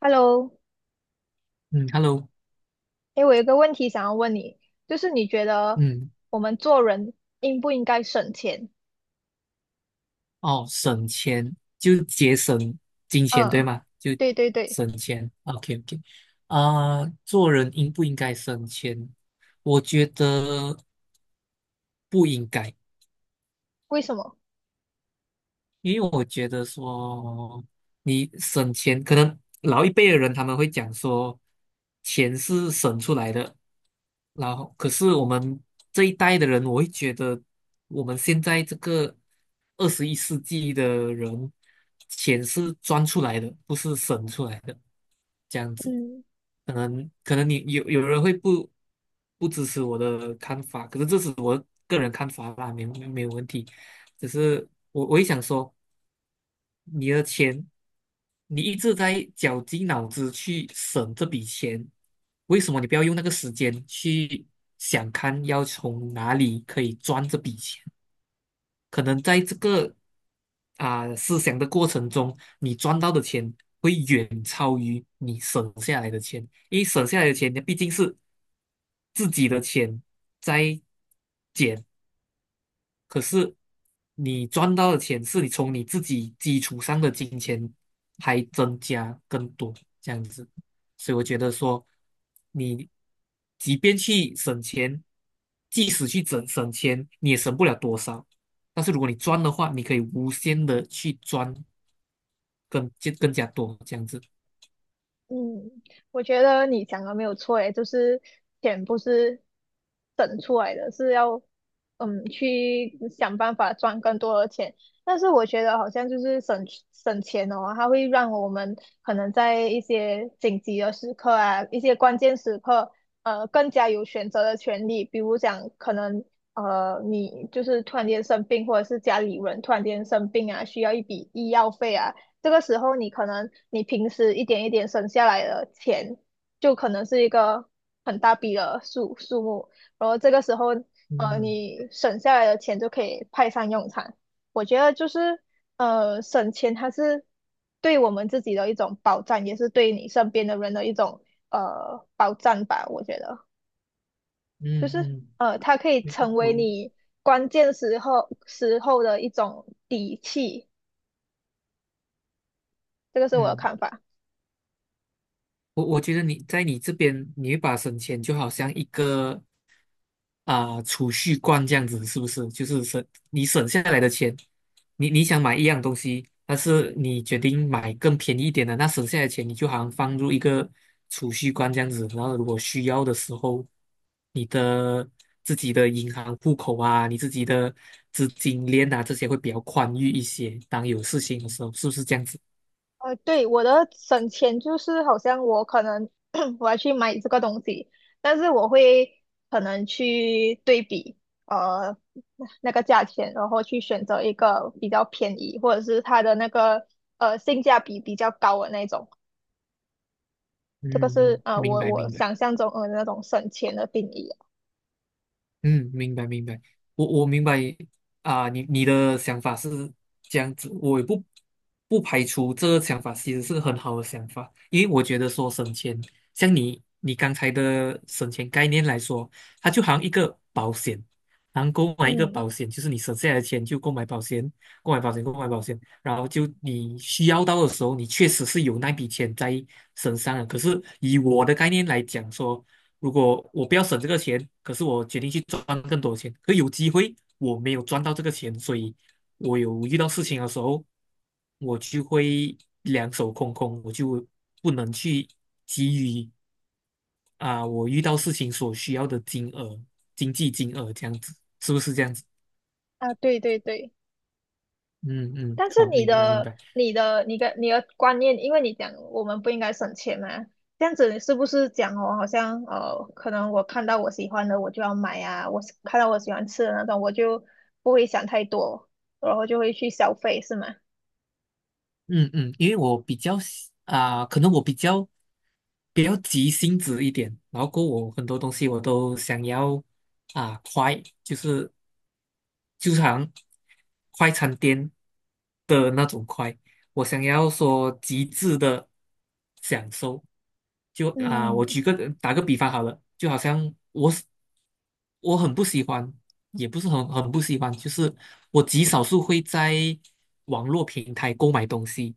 Hello，嗯，Hello，哎，我有一个问题想要问你，就是你觉得嗯，我们做人应不应该省钱？哦，省钱就节省金钱，对嗯，吗？就对对对。省钱，OK OK，做人应不应该省钱？我觉得不应该，为什么？因为我觉得说，你省钱，可能老一辈的人他们会讲说，钱是省出来的，然后可是我们这一代的人，我会觉得我们现在这个二十一世纪的人，钱是赚出来的，不是省出来的，这样子。嗯。可能你有人会不支持我的看法，可是这是我个人看法啦，没有问题。只是我会想说。你的钱，你一直在绞尽脑汁去省这笔钱，为什么你不要用那个时间去想看要从哪里可以赚这笔钱？可能在这个思想的过程中，你赚到的钱会远超于你省下来的钱，因为省下来的钱，你毕竟是自己的钱在减。可是你赚到的钱是你从你自己基础上的金钱还增加更多这样子，所以我觉得说，你即便去省钱，即使去省钱，你也省不了多少。但是如果你赚的话，你可以无限的去赚更加多这样子。嗯，我觉得你讲的没有错，诶，就是钱不是省出来的，是要去想办法赚更多的钱。但是我觉得好像就是省钱哦，它会让我们可能在一些紧急的时刻啊，一些关键时刻，更加有选择的权利。比如讲，可能你就是突然间生病，或者是家里人突然间生病啊，需要一笔医药费啊。这个时候你可能你平时一点一点省下来的钱，就可能是一个很大笔的数目，然后这个时候嗯你省下来的钱就可以派上用场。我觉得就是省钱它是对我们自己的一种保障，也是对你身边的人的一种保障吧。我觉得就嗯是嗯，它可以我成为我你关键时候的一种底气，这个是我的嗯。看法。我觉得你在你这边，你会把省钱就好像一个储蓄罐这样子，是不是？就是你省下来的钱，你想买一样东西，但是你决定买更便宜一点的，那省下来的钱你就好像放入一个储蓄罐这样子，然后如果需要的时候，你的自己的银行户口啊，你自己的资金链啊，这些会比较宽裕一些。当有事情的时候，是不是这样子？对，我的省钱就是好像我可能 我要去买这个东西，但是我会可能去对比呃那个价钱，然后去选择一个比较便宜或者是它的那个性价比比较高的那种。这嗯，个是嗯啊、明我白我明白。想象中那种省钱的定义啊。嗯，明白明白，我明白啊，你你的想法是这样子，我也不排除这个想法其实是很好的想法，因为我觉得说省钱，像你刚才的省钱概念来说，它就好像一个保险，然后购买一个嗯保险，就是你省下来的钱就购买保险，然后就你需要到的时候，你确实是有那笔钱在身上的。可是以我的概念来讲说。如果我不要省这个钱，可是我决定去赚更多钱，可有机会我没有赚到这个钱，所以我有遇到事情的时候，我就会两手空空，我就不能去给予我遇到事情所需要的金额、经济金额这样子，是不是这样子？啊，对对对。嗯嗯，但是好，你明白明的、白。你的、你的、你的观念，因为你讲我们不应该省钱嘛，这样子是不是讲哦？好像可能我看到我喜欢的我就要买啊，我是看到我喜欢吃的那种，我就不会想太多，然后就会去消费，是吗？嗯嗯，因为我比较可能我比较急性子一点，然后过后我很多东西我都想要快，就是就像快餐店的那种快，我想要说极致的享受。我嗯打个比方好了，就好像我是我很不喜欢，也不是很不喜欢，就是我极少数会在网络平台购买东西，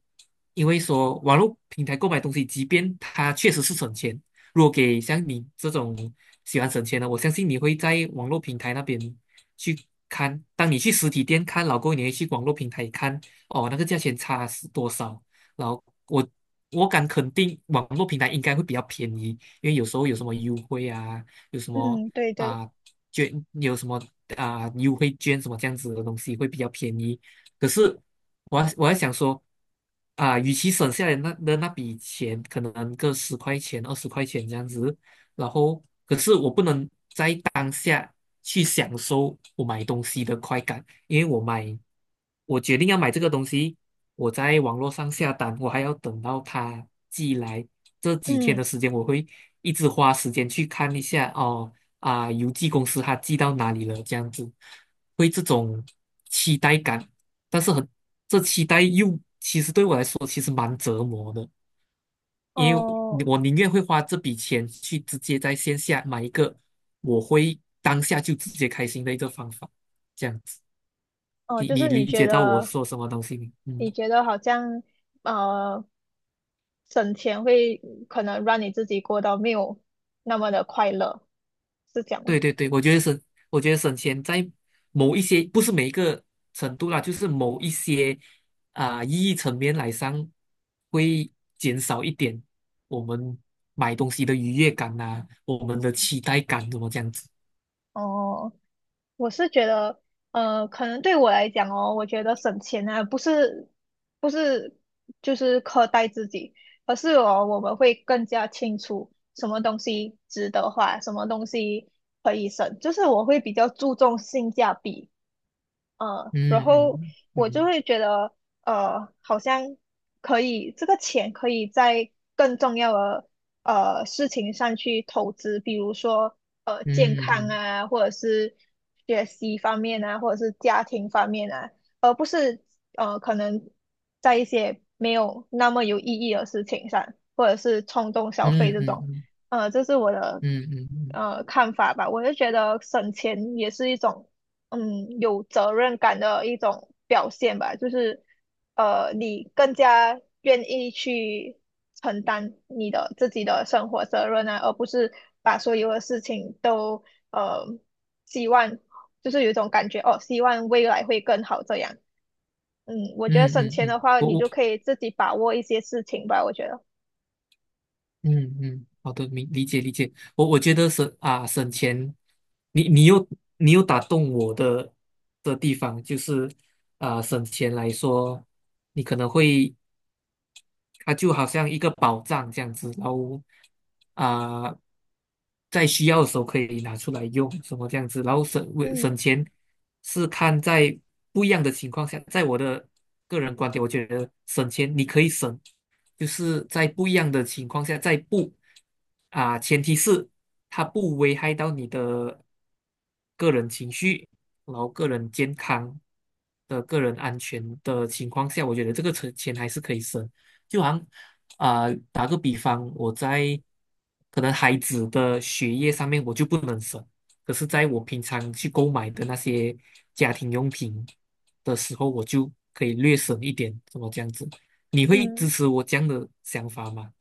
因为说网络平台购买东西，即便它确实是省钱，如果给像你这种喜欢省钱的，我相信你会在网络平台那边去看。当你去实体店看，老公，你会去网络平台看，哦，那个价钱差是多少？然后我敢肯定，网络平台应该会比较便宜，因为有时候有什么啊优惠啊，有什么嗯，对对。啊捐，有什么啊优惠券什么这样子的东西会比较便宜。可是我还想说，啊，与其省下来那笔钱，可能个十块钱、二十块钱这样子，然后可是我不能在当下去享受我买东西的快感，因为我决定要买这个东西，我在网络上下单，我还要等到它寄来，这几天的嗯。时间我会一直花时间去看一下邮寄公司它寄到哪里了，这样子会这种期待感，但是这期待又说其实蛮折磨的。因为哦我宁愿会花这笔钱去直接在线下买一个，我会当下就直接开心的一个方法，这样子，哦，你就你是你理觉解到我得说什么东西没？嗯，你觉得好像呃省钱会可能让你自己过到没有那么的快乐，是这样吗？对对对，我觉得省钱在某一些不是每一个程度啦，就是某一些意义层面来上会减少一点我们买东西的愉悦感呐、我们的期待感怎么这样子？哦。我是觉得，可能对我来讲哦，我觉得省钱啊，不是就是苛待自己，而是哦，我们会更加清楚什么东西值得花，什么东西可以省，就是我会比较注重性价比。然后嗯我就会嗯觉得，好像可以，这个钱可以在更重要的事情上去投资，比如说健嗯嗯康嗯啊，或者是学习方面啊，或者是家庭方面啊。是可能在一些没有那么有意义的事情上，或者是冲动消费嗯嗯嗯。这嗯种，嗯这是我的嗯嗯嗯看法吧。我就觉得省钱也是一种有责任感的一种表现吧，就是你更加愿意去承担你的自己的生活责任啊，而不是把所有的事情都呃希望。就是有一种感觉哦，希望未来会更好这样。嗯，我觉得嗯省嗯钱嗯，的话，你就可以自己把握一些事情吧，我觉得。嗯嗯，好的，理解理解。我觉得省钱，你你又你又打动我的地方就是啊省钱来说，你可能会。它就好像一个宝藏这样子，然后啊、在需要的时候可以拿出来用，什么这样子，然后省嗯钱是看在不一样的情况下，在我的个人观点，我觉得省钱你可以省，就是在不一样的情况下，在不啊、前提是它不危害到你的个人情绪，然后个人健康的个人安全的情况下，我觉得这个钱还是可以省。就好像啊、打个比方，可能孩子的学业上面我就不能省，可是在我平常去购买的那些家庭用品的时候，我就可以略省一点，怎么这样子？你会支嗯持我这样的想法吗？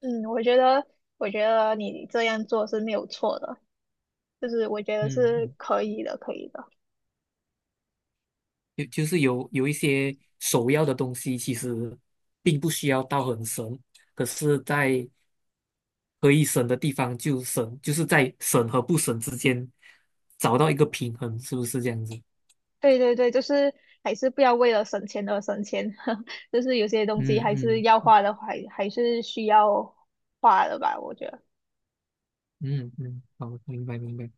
嗯，我觉得，我觉得你这样做是没有错的，就是我觉得是嗯可以的，可以的。就是有一些首要的东西，其实并不需要到很神，可是，在可以省的地方就省，就是在省和不省之间找到一个平衡，是不是这样子？对对对，就是还是不要为了省钱而省钱，就是有些东西嗯还是嗯要花的，还是需要花的吧，我觉得。嗯嗯，好，明白明白。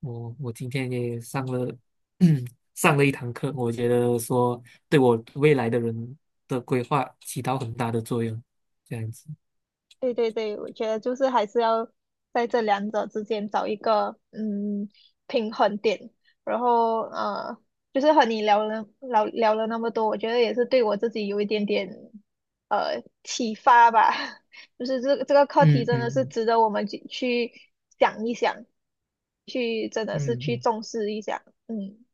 我我今天也上了，上了一堂课，我觉得说对我未来的人的规划起到很大的作用，这样子。对对对，我觉得就是还是要在这两者之间找一个平衡点。然后就是和你聊了那么多，我觉得也是对我自己有一点点启发吧。就是这个课题嗯嗯真的是嗯值得我们去想一想，去真的是嗯去嗯。重视一下。嗯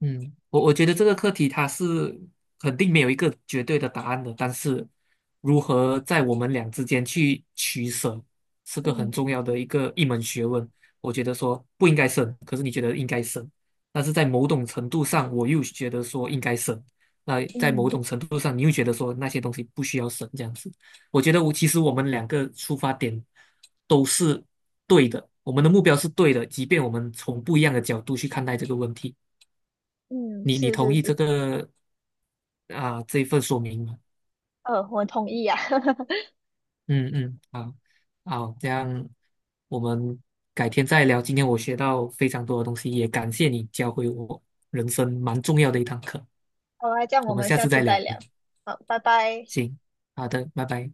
嗯，我觉得这个课题它是肯定没有一个绝对的答案的，但是如何在我们俩之间去取舍，是个很嗯重要的一门学问。我觉得说不应该省，可是你觉得应该省，但是在某种程度上，我又觉得说应该省，那在某嗯种程度上，你又觉得说那些东西不需要省这样子。我觉得我其实我们两个出发点都是对的，我们的目标是对的，即便我们从不一样的角度去看待这个问题。嗯，你是同是意是。这个这一份说明吗？我同意呀、嗯嗯，好，好，这样我们改天再聊。今天我学到非常多的东西，也感谢你教会我人生蛮重要的一堂课。好啊，这样我我们们下下次次再再聊。聊。好，拜拜。行，好的，拜拜。